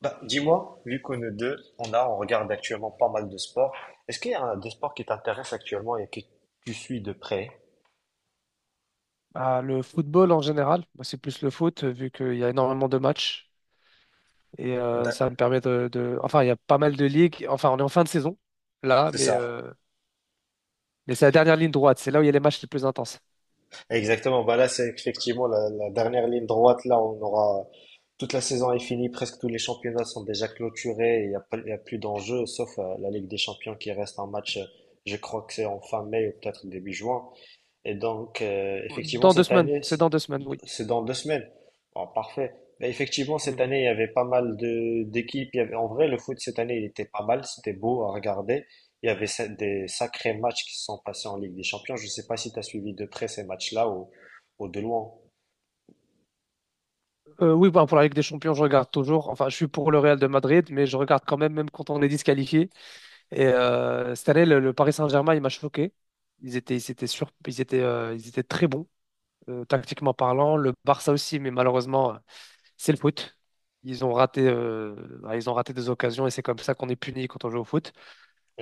Bah, dis-moi, vu que nous deux, on regarde actuellement pas mal de sports, est-ce qu'il y a un des sports qui t'intéresse actuellement et que tu suis de près? Bah, le football en général, moi c'est plus le foot vu qu'il y a énormément de matchs et Da- ça me permet Enfin, il y a pas mal de ligues. Enfin, on est en fin de saison là, C'est mais, ça. euh, mais c'est la dernière ligne droite. C'est là où il y a les matchs les plus intenses. Exactement. Bah là, c'est effectivement la dernière ligne droite. Là, on aura toute la saison est finie, presque tous les championnats sont déjà clôturés. Il n'y a, pas- Il y a plus d'enjeux, sauf la Ligue des Champions qui reste un match. Je crois que c'est en fin mai ou peut-être début juin. Et donc, effectivement, Dans deux cette semaines, année, c'est dans 2 semaines, oui. c'est dans deux semaines. Bon, parfait. Mais effectivement, cette Oui, année, il y avait pas mal de d'équipes. Il y avait, en vrai, le foot cette année, il était pas mal. C'était beau à regarder. Il y avait des sacrés matchs qui se sont passés en Ligue des Champions. Je ne sais pas si tu as suivi de près ces matchs-là, ou de loin. Oui, bah, pour la Ligue des Champions, je regarde toujours. Enfin, je suis pour le Real de Madrid, mais je regarde quand même, même quand on est disqualifié. Et cette année, le Paris Saint-Germain, il m'a choqué. Ils étaient très bons, tactiquement parlant. Le Barça aussi, mais malheureusement, c'est le foot. Ils ont raté, euh, ils ont raté des occasions et c'est comme ça qu'on est puni quand on joue au foot.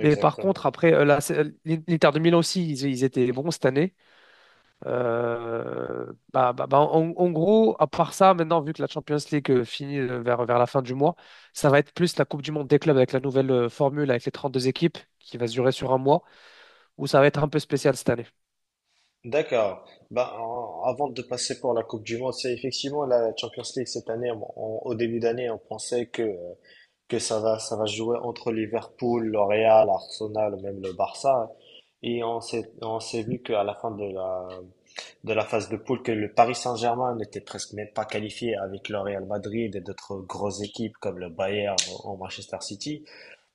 Mais par contre, après, l'Inter de Milan aussi, ils étaient bons cette année. Euh, bah, en gros, à part ça, maintenant, vu que la Champions League finit vers la fin du mois, ça va être plus la Coupe du Monde des clubs avec la nouvelle formule, avec les 32 équipes qui va se durer sur un mois, où ça va être un peu spécial cette année. D'accord. Avant de passer pour la Coupe du Monde, c'est effectivement la Champions League cette année. Au début d'année, on pensait que ça va jouer entre Liverpool, le Real, Arsenal, ou même le Barça. Et on s'est vu qu'à la fin de de la phase de poule, que le Paris Saint-Germain n'était presque même pas qualifié avec le Real Madrid et d'autres grosses équipes comme le Bayern ou Manchester City.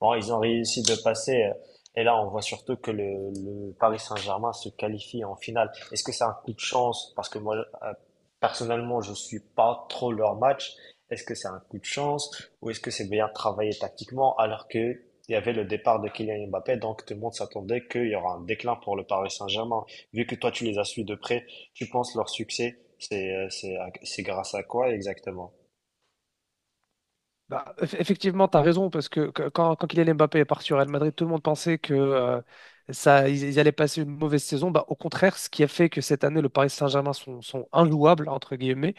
Bon, ils ont réussi de passer et là, on voit surtout que le Paris Saint-Germain se qualifie en finale. Est-ce que c'est un coup de chance? Parce que moi, personnellement, je suis pas trop leur match. Est-ce que c'est un coup de chance ou est-ce que c'est bien travaillé tactiquement alors que il y avait le départ de Kylian Mbappé, donc tout le monde s'attendait qu'il y aura un déclin pour le Paris Saint-Germain. Vu que toi, tu les as suivis de près, tu penses leur succès, c'est grâce à quoi exactement? Bah, effectivement, tu as raison, parce quand Kylian Mbappé est parti au Real Madrid, tout le monde pensait que ils allaient passer une mauvaise saison. Bah, au contraire, ce qui a fait que cette année, le Paris Saint-Germain sont injouables, entre guillemets,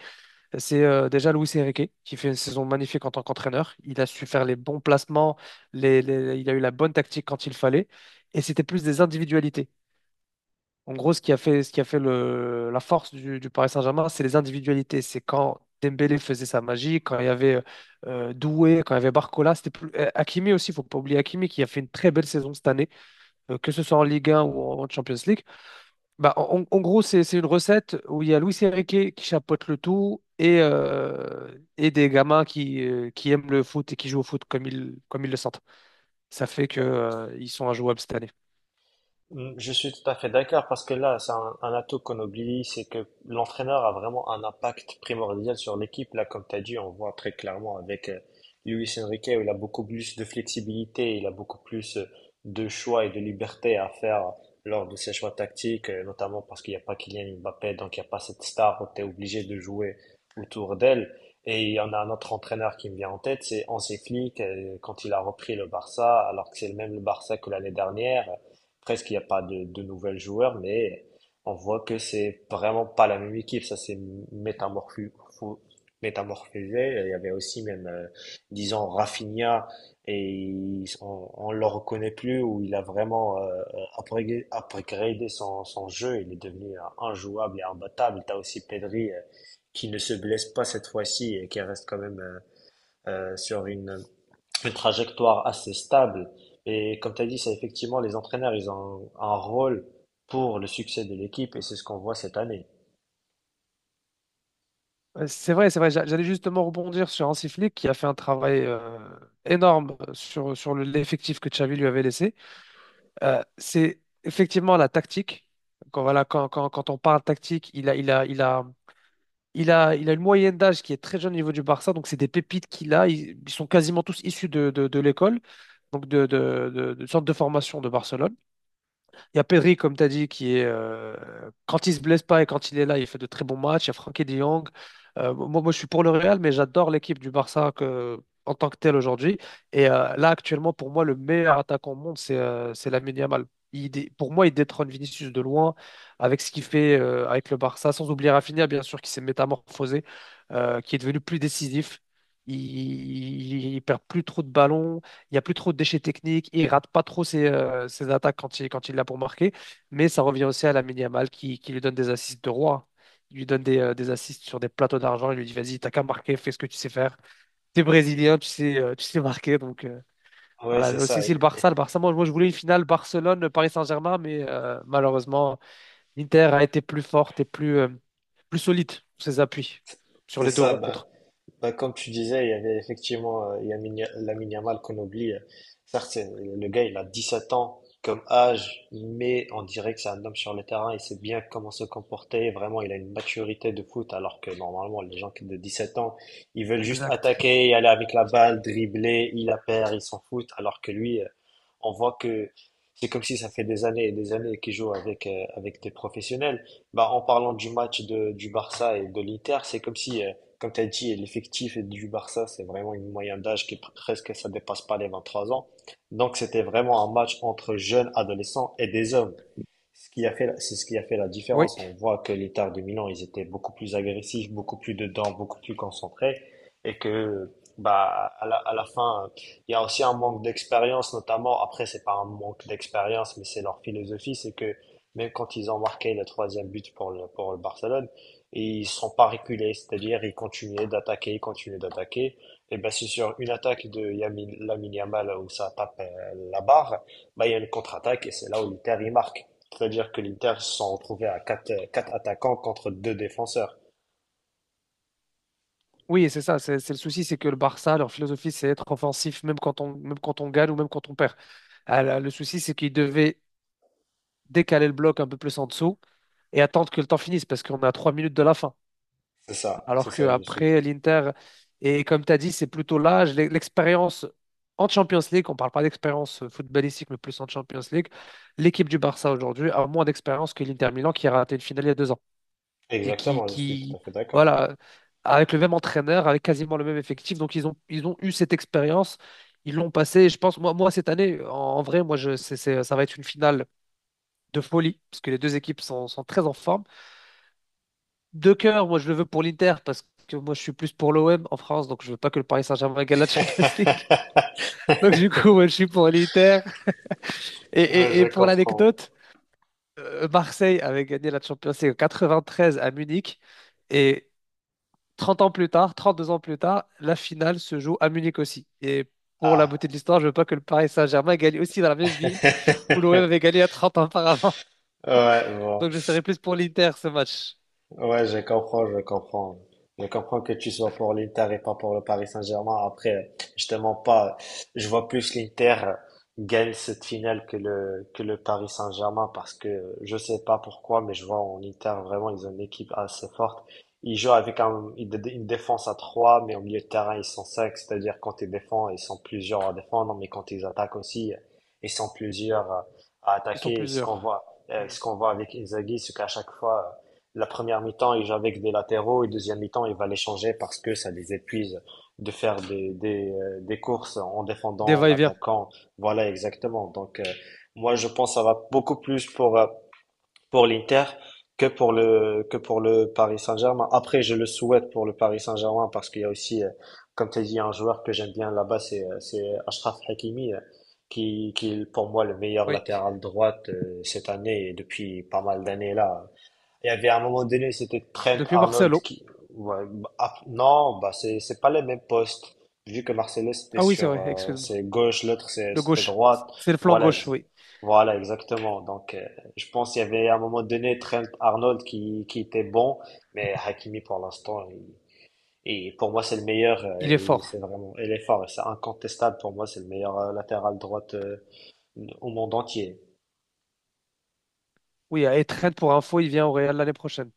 c'est déjà Luis Enrique, qui fait une saison magnifique en tant qu'entraîneur. Il a su faire les bons placements, il a eu la bonne tactique quand il fallait, et c'était plus des individualités. En gros, ce qui a fait la force du Paris Saint-Germain, c'est les individualités. C'est quand Dembélé faisait sa magie, quand il y avait Doué, quand il y avait Barcola. Hakimi aussi, il ne faut pas oublier Hakimi qui a fait une très belle saison cette année, que ce soit en Ligue 1 ou en Champions League. Bah, en gros, c'est une recette où il y a Luis Enrique qui chapeaute le tout et des gamins qui aiment le foot et qui jouent au foot comme ils le sentent. Ça fait que, ils sont injouables cette année. Mm, je suis tout à fait d'accord parce que là, c'est un atout qu'on oublie, c'est que l'entraîneur a vraiment un impact primordial sur l'équipe. Là, comme tu as dit, on voit très clairement avec Luis Enrique où il a beaucoup plus de flexibilité, il a beaucoup plus de choix et de liberté à faire lors de ses choix tactiques, notamment parce qu'il n'y a pas Kylian Mbappé, donc il n'y a pas cette star où tu es obligé de jouer autour d'elle. Et il y en a un autre entraîneur qui me vient en tête, c'est Hansi Flick, quand il a repris le Barça, alors que c'est le même le Barça que l'année dernière. Presque, il n'y a pas de nouvelles joueurs, mais on voit que c'est vraiment pas la même équipe. Ça s'est métamorpho- fo- métamorphosé. Il y avait aussi même, disons, Rafinha, on, le reconnaît plus, où il a vraiment upgradé son jeu. Il est devenu injouable et imbattable. Tu as aussi Pedri, qui ne se blesse pas cette fois-ci et qui reste quand même sur une trajectoire assez stable. Et comme tu as dit, c'est effectivement les entraîneurs, ils ont un rôle pour le succès de l'équipe et c'est ce qu'on voit cette année. C'est vrai, c'est vrai. J'allais justement rebondir sur Hansi Flick qui a fait un travail énorme sur l'effectif que Xavi lui avait laissé. C'est effectivement la tactique. Quand, voilà, quand, quand, quand on parle tactique, il a une moyenne d'âge qui est très jeune au niveau du Barça, donc c'est des pépites qu'il a. Ils sont quasiment tous issus de l'école. Donc d'une sorte de formation de Barcelone. Il y a Pedri, comme tu as dit, qui est, quand il se blesse pas et quand il est là, il fait de très bons matchs. Il y a Frankie de Jong. Moi, je suis pour le Real, mais j'adore l'équipe du Barça que, en tant que telle aujourd'hui. Et là, actuellement, pour moi, le meilleur attaquant au monde, c'est Lamine Yamal. Pour moi, il détrône Vinicius de loin avec ce qu'il fait avec le Barça, sans oublier Rafinha, bien sûr, qui s'est métamorphosé, qui est devenu plus décisif. Il perd plus trop de ballons. Il n'y a plus trop de déchets techniques. Il rate pas trop ses attaques quand il l'a pour marquer. Mais ça revient aussi à la Yamal qui lui donne des assists de roi. Il lui donne des assists sur des plateaux d'argent. Il lui dit, vas-y, t'as qu'à marquer, fais ce que tu sais faire. T'es brésilien, tu sais marquer. Donc Ouais, voilà, c'est ça. aussi si le Barça, moi, je voulais une finale Barcelone-Paris Saint-Germain, mais malheureusement, l'Inter a été plus forte et plus solide sur ses appuis sur C'est les deux ça. Rencontres. Bah, comme tu disais, il y avait effectivement Lamine Yamal qu'on oublie. Certes, le gars, il a 17 ans comme âge, mais on dirait que c'est un homme sur le terrain. Il sait bien comment se comporter. Vraiment, il a une maturité de foot, alors que normalement, de sept ans, ils veulent juste Exact. attaquer, aller avec la balle, dribbler, il la perd, ils s'en foutent. Alors que lui, on voit que c'est comme si ça fait des années et des années qu'il joue avec, avec des professionnels. Bah, en parlant du match du Barça et de l'Inter, c'est comme si... comme tu as dit, l'effectif du Barça, c'est vraiment une moyenne d'âge qui est presque, ça dépasse pas les 23 ans. Donc, c'était vraiment un match entre jeunes adolescents et des hommes, ce qui a fait, c'est ce qui a fait la Oui. différence. On voit que l'État de Milan, ils étaient beaucoup plus agressifs, beaucoup plus dedans, beaucoup plus concentrés, et que bah à à la fin, il y a aussi un manque d'expérience, notamment. Après, c'est pas un manque d'expérience, mais c'est leur philosophie, c'est que même quand ils ont marqué le troisième but pour le Barcelone, ils sont pas reculés, c'est-à-dire ils continuaient d'attaquer, ils continuaient d'attaquer. Et ben c'est sur une attaque de Lamine Yamal où ça tape la barre, bah il y a une contre-attaque et c'est là où l'Inter il marque. C'est-à-dire que l'Inter se sont retrouvés à quatre attaquants contre deux défenseurs. Oui, c'est ça, c'est le souci, c'est que le Barça, leur philosophie, c'est être offensif, même quand on gagne ou même quand on perd. Ah, là, le souci, c'est qu'ils devaient décaler le bloc un peu plus en dessous et attendre que le temps finisse, parce qu'on est à 3 minutes de la fin. Alors Je suis. qu'après, l'Inter, et comme tu as dit, c'est plutôt l'âge, l'expérience en Champions League, on ne parle pas d'expérience footballistique, mais plus en Champions League. L'équipe du Barça aujourd'hui a moins d'expérience que l'Inter Milan qui a raté une finale il y a 2 ans et Exactement, je suis tout à fait d'accord. voilà, avec le même entraîneur, avec quasiment le même effectif. Donc, ils ont eu cette expérience, ils l'ont passée. Et je pense, moi, cette année, en vrai, moi, je, c'est- ça va être une finale de folie, parce que les deux équipes sont très en forme. De cœur, moi, je le veux pour l'Inter, parce que moi, je suis plus pour l'OM en France, donc je veux pas que le Paris Saint-Germain gagne la Champions League. Donc, du coup, moi, je suis pour l'Inter. Et, Ouais, et, je et pour comprends. l'anecdote, Marseille avait gagné la Champions League en 93 à Munich. Et trente ans plus tard, 32 ans plus tard, la finale se joue à Munich aussi. Et pour la beauté de Ah. l'histoire, je veux pas que le Paris Saint-Germain gagne aussi dans la même ville où l'OM avait gagné à trente ans auparavant. Ouais, bon. Donc je serai plus pour l'Inter ce match. Ouais, je comprends. Je comprends que tu sois pour l'Inter et pas pour le Paris Saint-Germain. Après, justement pas. Je vois plus l'Inter gagne cette finale que que le Paris Saint-Germain parce que je sais pas pourquoi, mais je vois en Inter vraiment, ils ont une équipe assez forte. Ils jouent avec une défense à 3, mais au milieu de terrain, ils sont 5. C'est-à-dire, quand ils défendent, ils sont plusieurs à défendre, mais quand ils attaquent aussi, ils sont plusieurs à Ils sont attaquer. Et plusieurs. Mm. ce qu'on voit avec Inzaghi, c'est qu'à chaque fois, la première mi-temps, ils jouent avec des latéraux et deuxième mi-temps, il va les changer parce que ça les épuise de faire des courses en Des défendant, en va-et-vient. attaquant. Voilà, exactement. Donc, moi, je pense que ça va beaucoup plus pour l'Inter que pour que pour le Paris Saint-Germain. Après, je le souhaite pour le Paris Saint-Germain parce qu'il y a aussi, comme tu as dit, un joueur que j'aime bien là-bas, c'est Achraf Hakimi, qui est pour moi le meilleur Oui. latéral droite cette année et depuis pas mal d'années là. Il y avait à un moment donné, c'était Trent Depuis Arnold Marcelo. qui. Ouais, bah, ah, non, bah c'est pas les mêmes postes. Vu que Marcelo c'était Ah oui, c'est sur vrai, excuse-moi. c'est gauche, Le c'était gauche. droite. C'est le flanc Voilà, gauche, ex- oui. voilà exactement. Donc je pense qu'il y avait à un moment donné Trent Arnold qui était bon, mais Hakimi pour l'instant et pour moi c'est le meilleur Il est et fort. c'est vraiment il est fort, c'est incontestable, pour moi c'est le meilleur latéral droite au monde entier. Oui, et Trent pour info, il vient au Real l'année prochaine.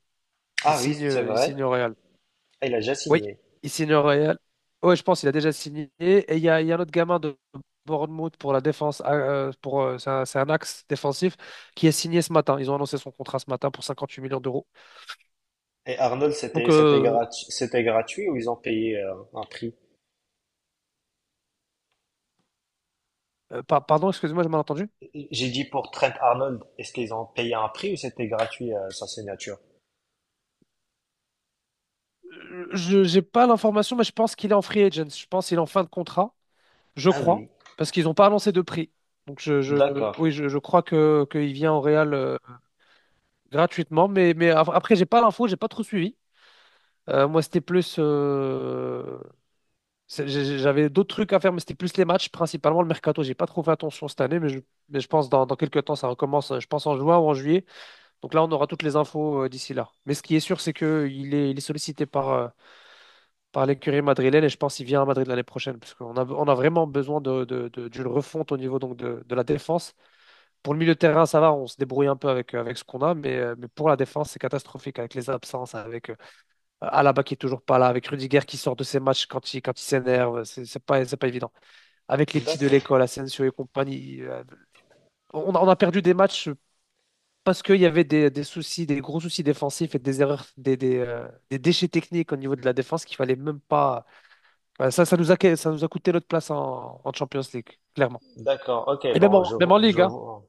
Il Ah oui, signe, c'est euh, il vrai. signe au Real. Ah, il a déjà Oui, signé. il signe au Real. Ouais, je pense qu'il a déjà signé. Et il y a un autre gamin de Bournemouth pour la défense, c'est un axe défensif qui est signé ce matin. Ils ont annoncé son contrat ce matin pour 58 millions d'euros. Et Arnold, Donc, euh, c'était gratuit ou ils ont payé un prix? pardon, excusez-moi, j'ai mal entendu. J'ai dit pour Trent Arnold, est-ce qu'ils ont payé un prix ou c'était gratuit sa signature? Je n'ai pas l'information, mais je pense qu'il est en free agent. Je pense qu'il est en fin de contrat, je Ah crois, oui. parce qu'ils n'ont pas annoncé de prix. Donc, D'accord, oui, je crois que qu'il vient au Real gratuitement, mais, après, j'ai pas l'info, j'ai pas trop suivi. Moi, c'était plus. C'est- j'ai- j'avais d'autres trucs à faire, mais c'était plus les matchs, principalement le mercato. J'ai pas trop fait attention cette année, mais je pense dans quelques temps, ça recommence, je pense en juin ou en juillet. Donc là, on aura toutes les infos d'ici là. Mais ce qui est sûr, c'est qu'il est sollicité par l'écurie madrilène et je pense qu'il vient à Madrid l'année prochaine parce qu'on a vraiment besoin d'une refonte au niveau donc de la défense. Pour le milieu de terrain, ça va, on se débrouille un peu avec ce qu'on a, mais pour la défense, c'est catastrophique avec les absences, avec Alaba qui est toujours pas là, avec Rudiger qui sort de ses matchs quand il s'énerve, c'est pas, c'est pas évident. Avec les petits de d'accord, l'école, Asensio et compagnie, on a perdu des matchs. Parce qu'il y avait des soucis, des gros soucis défensifs et des erreurs, des déchets techniques au niveau de la défense qu'il fallait même pas, Ouais, ça nous a coûté notre place en Champions League, clairement. d'accord. Ok, Et même bon, en, même en je Ligue, hein. vois.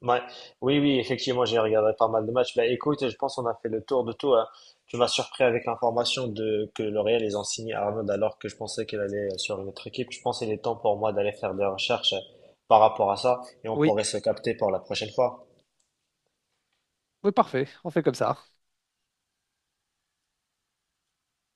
Ouais. Oui, oui, effectivement, j'ai regardé pas mal de matchs. Bah, écoute, je pense qu'on a fait le tour de tout, hein. Tu m'as surpris avec l'information de que le Real ils ont signé Arnold alors que je pensais qu'elle allait sur une autre équipe. Je pense qu'il est temps pour moi d'aller faire des recherches par rapport à ça et on Oui, pourrait se capter pour la prochaine fois. oui, parfait, on fait comme ça.